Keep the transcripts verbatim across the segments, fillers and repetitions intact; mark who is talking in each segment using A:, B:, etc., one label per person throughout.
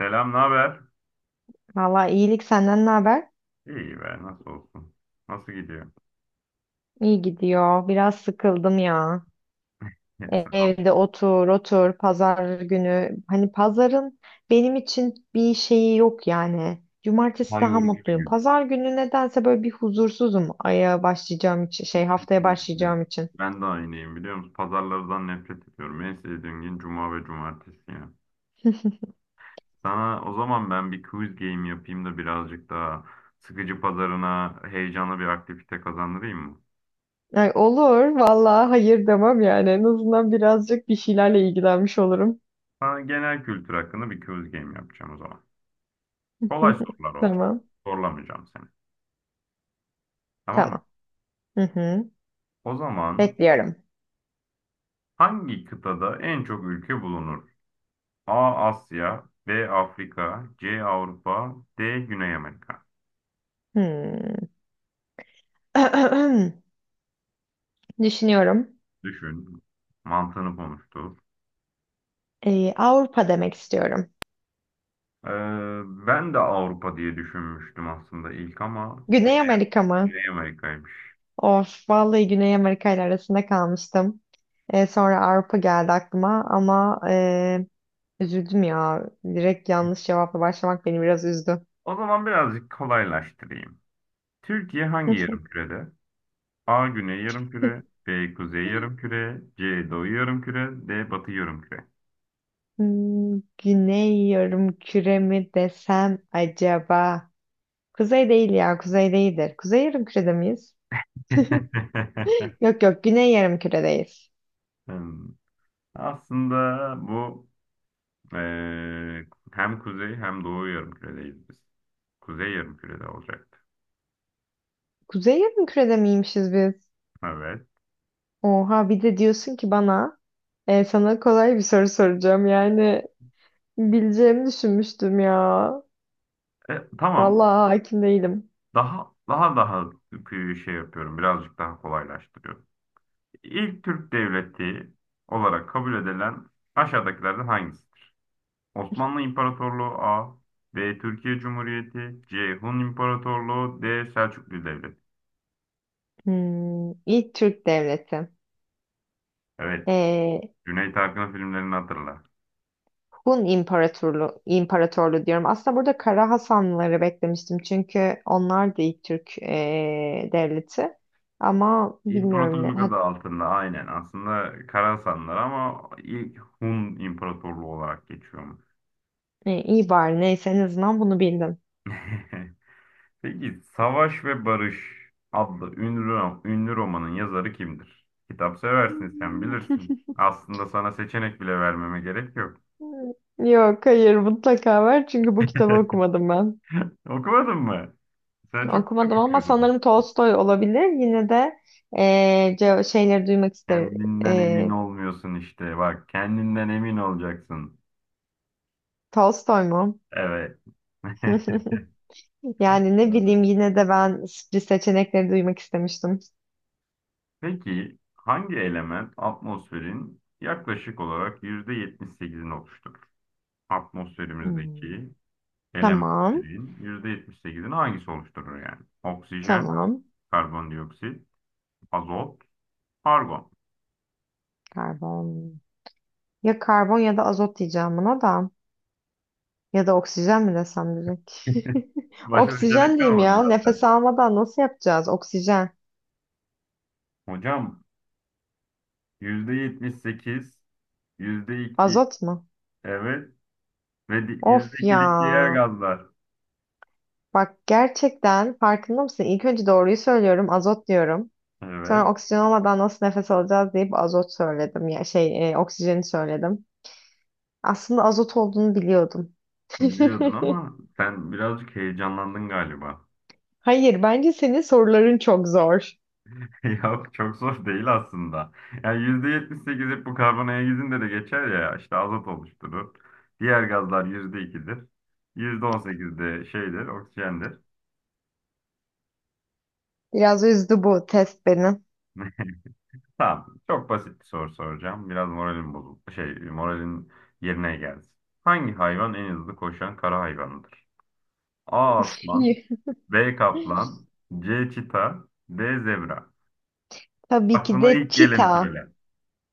A: Selam, ne haber?
B: Valla iyilik senden ne haber?
A: İyi be, nasıl olsun? Nasıl gidiyor?
B: İyi gidiyor. Biraz sıkıldım ya.
A: Sen-
B: E- Evde otur otur pazar günü. Hani pazarın benim için bir şeyi yok yani. Cumartesi
A: Daha
B: daha
A: yorucu bir
B: mutluyum.
A: gün.
B: Pazar günü nedense böyle bir huzursuzum aya başlayacağım için şey haftaya
A: Kesinlikle.
B: başlayacağım için.
A: Ben de aynıyım, biliyor musun? Pazarlardan nefret ediyorum. En sevdiğim gün cuma ve cumartesi ya. Sana o zaman ben bir quiz game yapayım da birazcık daha sıkıcı pazarına heyecanlı bir aktivite kazandırayım mı?
B: Ay, olur valla hayır demem yani. En azından birazcık bir şeylerle ilgilenmiş olurum.
A: Sana genel kültür hakkında bir quiz game yapacağım o zaman. Kolay sorular olacak.
B: Tamam.
A: Zorlamayacağım seni. Tamam mı?
B: Tamam. Hı hı.
A: O zaman
B: Bekliyorum.
A: hangi kıtada en çok ülke bulunur? A. Asya, B. Afrika, C. Avrupa, D. Güney Amerika.
B: Hmm. Düşünüyorum.
A: Düşün. Mantığını konuştur.
B: Ee, Avrupa demek istiyorum.
A: Ee, ben de Avrupa diye düşünmüştüm aslında ilk ama
B: Güney
A: Güney,
B: Amerika mı?
A: Güney Amerika'ymış.
B: Of, vallahi Güney Amerika ile arasında kalmıştım. Ee, sonra Avrupa geldi aklıma ama e, üzüldüm ya. Direkt yanlış cevapla başlamak beni biraz üzdü.
A: O zaman birazcık kolaylaştırayım. Türkiye hangi yarımkürede? A. Güney yarımküre, B. Kuzey yarımküre, C. Doğu yarımküre, D. Batı yarımküre.
B: Hmm, Güney yarımküre mi desem acaba? Kuzey değil ya, kuzey değildir. Kuzey yarımkürede miyiz? Yok yok, güney yarımküredeyiz.
A: Hmm. Aslında bu Ee, hem kuzey hem doğu yarımküredeyiz biz. Kuzey yarımkürede olacaktı.
B: Kuzey yarımkürede miymişiz biz?
A: Evet.
B: Oha, bir de diyorsun ki bana, E, sana kolay bir soru soracağım. Yani bileceğimi düşünmüştüm ya.
A: E, tamam.
B: Vallahi hakim değilim.
A: Daha daha daha kıyı şey yapıyorum. Birazcık daha kolaylaştırıyorum. İlk Türk devleti olarak kabul edilen aşağıdakilerden hangisidir? Osmanlı İmparatorluğu A, B Türkiye Cumhuriyeti, C Hun İmparatorluğu, D Selçuklu Devleti.
B: Hmm, ilk Türk devleti.
A: Evet.
B: E,
A: Cüneyt Arkın'ın filmlerini hatırla.
B: Hun İmparatorluğu, İmparatorluğu diyorum. Aslında burada Kara Hasanlıları beklemiştim. Çünkü onlar da ilk Türk e, devleti. Ama bilmiyorum ne.
A: İmparatorluk
B: Ha,
A: adı altında, aynen. Aslında Karasanlar ama ilk Hun İmparatorluğu olarak geçiyormuş.
B: e, iyi bari, neyse, en azından bunu bildim.
A: Peki Savaş ve Barış adlı ünlü, ro- ünlü romanın yazarı kimdir? Kitap seversin, sen
B: Hmm.
A: bilirsin. Aslında sana seçenek bile vermeme gerek yok.
B: Yok, hayır, mutlaka var. Çünkü bu kitabı okumadım ben.
A: Okumadın mı? Sen çok kitap
B: Okumadım ama
A: okuyordun.
B: sanırım Tolstoy olabilir. Yine de eee, ce- şeyleri duymak isterim.
A: Kendinden emin
B: Eee,
A: olmuyorsun işte. Bak, kendinden emin olacaksın.
B: Tolstoy mu?
A: Evet.
B: Yani ne
A: Doğru.
B: bileyim, yine de ben sürpriz seçenekleri duymak istemiştim.
A: Peki hangi element atmosferin yaklaşık olarak yüzde yetmiş sekizini oluşturur?
B: Hmm,
A: Atmosferimizdeki
B: Tamam.
A: elementlerin yüzde yetmiş sekizini hangisi oluşturur yani? Oksijen,
B: Tamam.
A: karbondioksit, azot, argon.
B: Karbon. Ya karbon ya da azot diyeceğim buna da. Ya da oksijen mi desem direkt?
A: Başka
B: Oksijen
A: seçenek
B: diyeyim
A: kalmadı
B: ya.
A: zaten.
B: Nefes almadan nasıl yapacağız? Oksijen.
A: Hocam, yüzde yetmiş sekiz, yüzde iki,
B: Azot mu?
A: evet, ve di-
B: Of
A: yüzde ikilik diğer
B: ya.
A: gazlar.
B: Bak, gerçekten farkında mısın? İlk önce doğruyu söylüyorum, azot diyorum.
A: Evet,
B: Sonra oksijen olmadan nasıl nefes alacağız deyip azot söyledim. Ya şey, e, oksijeni söyledim. Aslında azot olduğunu biliyordum.
A: biliyordun ama sen birazcık heyecanlandın galiba.
B: Hayır, bence senin soruların çok zor.
A: Yok, çok zor değil aslında. Yani yüzde yetmiş sekiz hep bu karbon gizinde de geçer ya, işte azot oluşturur. Diğer gazlar yüzde Yüzde ikidir. Yüzde on sekiz de şeydir, oksijendir.
B: Biraz üzdü bu test beni.
A: Tamam. Çok basit bir soru soracağım. Biraz moralim bozuldu. Şey, moralin yerine gelsin. Hangi hayvan en hızlı koşan kara hayvanıdır? A aslan, B kaplan, C çita, D zebra.
B: Tabii ki
A: Aklına
B: de
A: ilk geleni
B: çita.
A: söyle.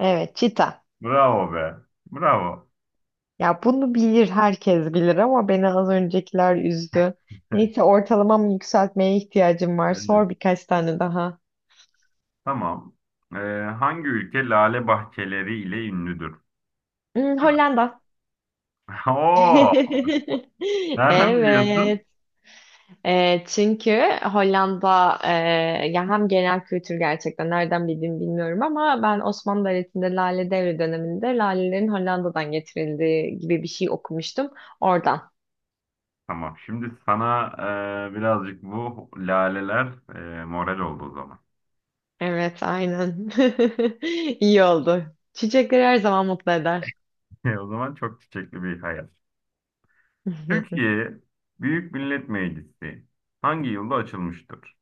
B: Evet, çita.
A: Bravo be. Bravo.
B: Ya bunu bilir, herkes bilir, ama beni az öncekiler üzdü. Neyse, ortalamamı yükseltmeye ihtiyacım var. Sor
A: Evet.
B: birkaç tane daha.
A: Tamam. Ee, hangi ülke lale bahçeleri ile ünlüdür?
B: Hmm, Hollanda.
A: Oo, nereden biliyorsun?
B: Evet. E, çünkü Hollanda e, ya hem genel kültür, gerçekten nereden bildiğimi bilmiyorum ama ben Osmanlı Devleti'nde Lale Devri döneminde lalelerin Hollanda'dan getirildiği gibi bir şey okumuştum oradan.
A: Tamam. Şimdi sana e, birazcık bu laleler, e, moral oldu o zaman.
B: Evet, aynen. İyi oldu. Çiçekler her zaman mutlu eder.
A: E, O zaman çok çiçekli bir hayat. Türkiye Büyük Millet Meclisi hangi yılda açılmıştır?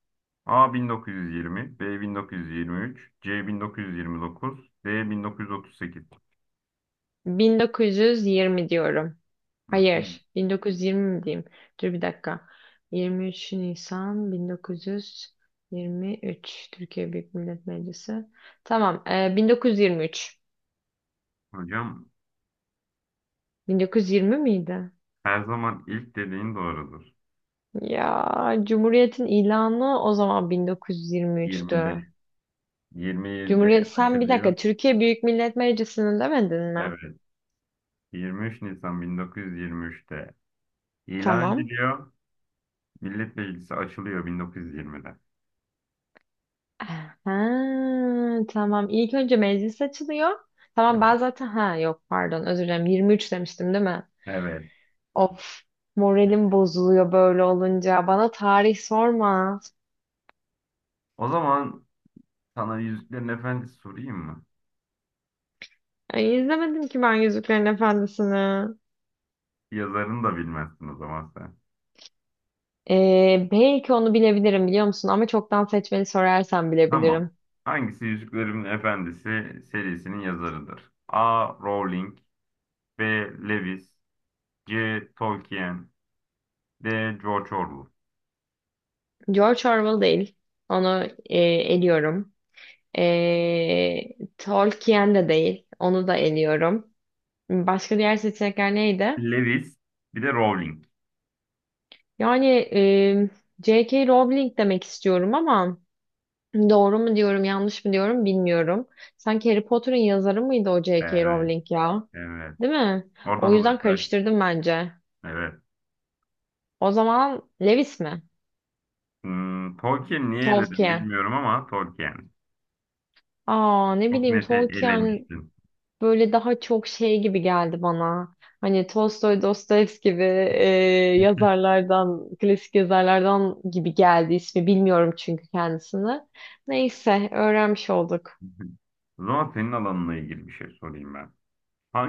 A: A bin dokuz yüz yirmi, B bin dokuz yüz yirmi üç, C bin dokuz yüz yirmi dokuz, D bin dokuz yüz otuz sekiz.
B: bin dokuz yüz yirmi diyorum.
A: Hı.
B: Hayır. bin dokuz yüz yirmi mi diyeyim? Dur bir dakika. yirmi üç Nisan bin dokuz yüz yirmi üç Türkiye Büyük Millet Meclisi. Tamam. e, bin dokuz yüz yirmi üç.
A: Hocam,
B: bin dokuz yüz yirmi miydi?
A: her zaman ilk dediğin doğrudur.
B: Ya Cumhuriyet'in ilanı o zaman bin dokuz yüz yirmi üçtü.
A: yirmide. yirmi yedi
B: Cumhuriyet... Sen bir dakika,
A: açılıyor.
B: Türkiye Büyük Millet Meclisi'ni demedin mi?
A: Evet. Yirmi üç Nisan bin dokuz yüz yirmi üçte ilan
B: Tamam.
A: ediliyor. Millet Meclisi açılıyor bin dokuz yüz yirmide.
B: Ha, tamam. İlk önce meclis açılıyor. Tamam, ben zaten, ha yok, pardon, özür dilerim, yirmi üç demiştim değil mi?
A: Evet.
B: Of, moralim bozuluyor böyle olunca. Bana tarih sorma.
A: O zaman sana Yüzüklerin Efendisi sorayım mı?
B: Ay, izlemedim ki ben Yüzüklerin Efendisi'ni.
A: Yazarını da bilmezsin o zaman sen.
B: Ee, belki onu bilebilirim, biliyor musun? Ama çoktan seçmeli sorarsan
A: Tamam.
B: bilebilirim.
A: Hangisi Yüzüklerin Efendisi serisinin yazarıdır? A. Rowling, B. Lewis, C. Tolkien, D. George Orwell.
B: George Orwell değil. Onu e, eliyorum. Ee, Tolkien de değil. Onu da eliyorum. Başka diğer seçenekler neydi?
A: Lewis bir de Rowling.
B: Yani e, J K. Rowling demek istiyorum ama doğru mu diyorum, yanlış mı diyorum bilmiyorum. Sanki Harry Potter'ın yazarı mıydı o J K.
A: Evet.
B: Rowling ya?
A: Evet.
B: Değil mi?
A: Oradan
B: O yüzden
A: uzaklaş.
B: karıştırdım bence.
A: Evet.
B: O zaman Lewis mi?
A: Hmm, Tolkien niye eledim
B: Tolkien.
A: bilmiyorum ama Tolkien.
B: Aa, ne
A: Çok
B: bileyim,
A: net
B: Tolkien
A: elemiştin.
B: böyle daha çok şey gibi geldi bana. Hani Tolstoy, Dostoyevski gibi e, yazarlardan, klasik yazarlardan gibi geldi ismi. Bilmiyorum çünkü kendisini. Neyse, öğrenmiş olduk.
A: O zaman senin alanına ilgili bir şey sorayım ben.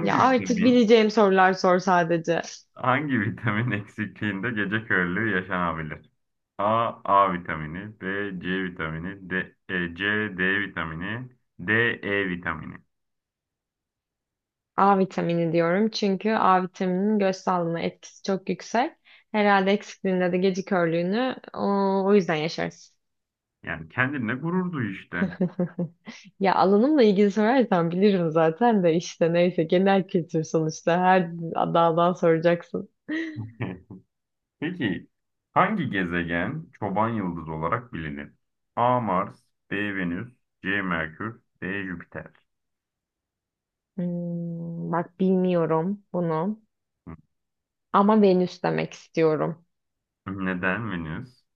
B: Ya artık
A: vitamin,
B: bileceğim sorular sor sadece.
A: hangi vitamin eksikliğinde gece körlüğü yaşanabilir? A, A vitamini, B, C vitamini, D, e, C, D vitamini, D, E vitamini.
B: A vitamini diyorum çünkü A vitamininin göz sağlığına etkisi çok yüksek. Herhalde eksikliğinde de gece körlüğünü o, o yüzden yaşarız.
A: Yani kendinle gurur duy işte.
B: Ya alanımla ilgili sorarsan bilirim zaten de, işte neyse, genel kültür sonuçta, her daldan soracaksın.
A: Peki hangi gezegen çoban yıldızı olarak bilinir? A. Mars, B. Venüs, C. Merkür, D. Jüpiter.
B: Hmm, bak, bilmiyorum bunu
A: Hı.
B: ama Venüs demek istiyorum.
A: Neden Venüs?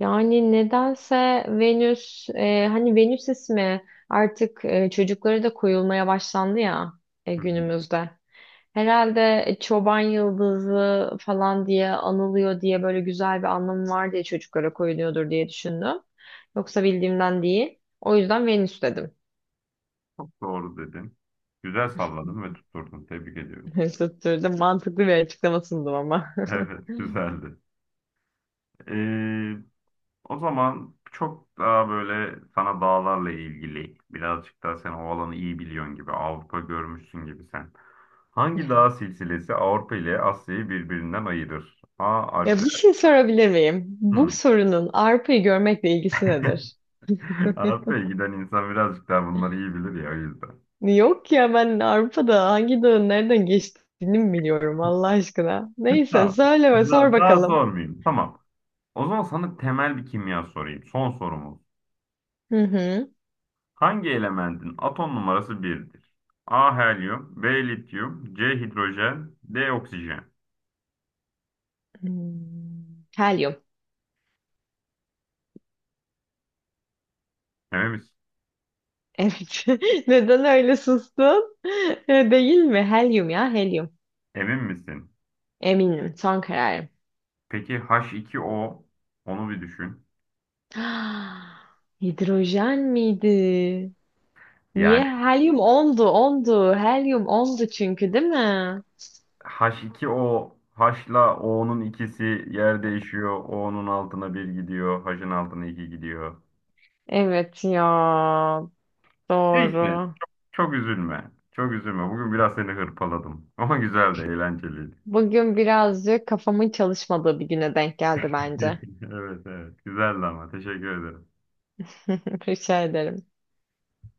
B: Yani nedense Venüs, e, hani Venüs ismi artık e, çocuklara da koyulmaya başlandı ya e,
A: Hı hı.
B: günümüzde. Herhalde e, çoban yıldızı falan diye anılıyor diye, böyle güzel bir anlamı var diye çocuklara koyuluyordur diye düşündüm. Yoksa bildiğimden değil. O yüzden Venüs dedim.
A: Çok doğru dedin. Güzel salladın ve tutturdun. Tebrik ediyorum.
B: Tutturdum. Mantıklı bir açıklama sundum ama.
A: Evet, güzeldi. Ee, o zaman çok daha böyle sana dağlarla ilgili, birazcık daha sen o alanı iyi biliyorsun gibi, Avrupa görmüşsün gibi sen. Hangi dağ silsilesi Avrupa ile Asya'yı birbirinden ayırır? A.
B: Ya bir
A: Alpler.
B: şey sorabilir miyim?
A: Hı.
B: Bu sorunun arpayı görmekle ilgisi nedir?
A: Avrupa'ya giden insan birazcık daha bunları iyi bilir ya, o yüzden.
B: Yok ya, ben Avrupa'da hangi dağın nereden geçtiğini mi biliyorum Allah aşkına. Neyse,
A: Tamam.
B: söyle ve sor
A: Da- daha
B: bakalım.
A: sormayayım. Tamam. O zaman sana temel bir kimya sorayım. Son sorumuz.
B: Hı hı.
A: Hangi elementin atom numarası birdir? A helyum, B lityum, C hidrojen, D oksijen.
B: Hmm, Helyum.
A: Emin misin?
B: Evet. Neden öyle sustun? Değil mi? Helyum ya, helyum.
A: Emin misin?
B: Eminim. Son kararım.
A: Peki H iki O, onu bir düşün.
B: Hidrojen miydi? Niye?
A: Yani
B: Helyum ondu, ondu. Helyum ondu çünkü, değil mi?
A: H iki O, H'la O'nun ikisi yer değişiyor. O'nun altına bir gidiyor. H'ın altına iki gidiyor.
B: Evet ya.
A: Neyse.
B: Doğru.
A: Çok üzülme, çok üzülme. Bugün biraz seni hırpaladım. Ama güzeldi, eğlenceliydi.
B: Bugün birazcık kafamın çalışmadığı bir güne denk geldi bence.
A: Evet, evet. Güzeldi ama. Teşekkür ederim.
B: Rica ederim.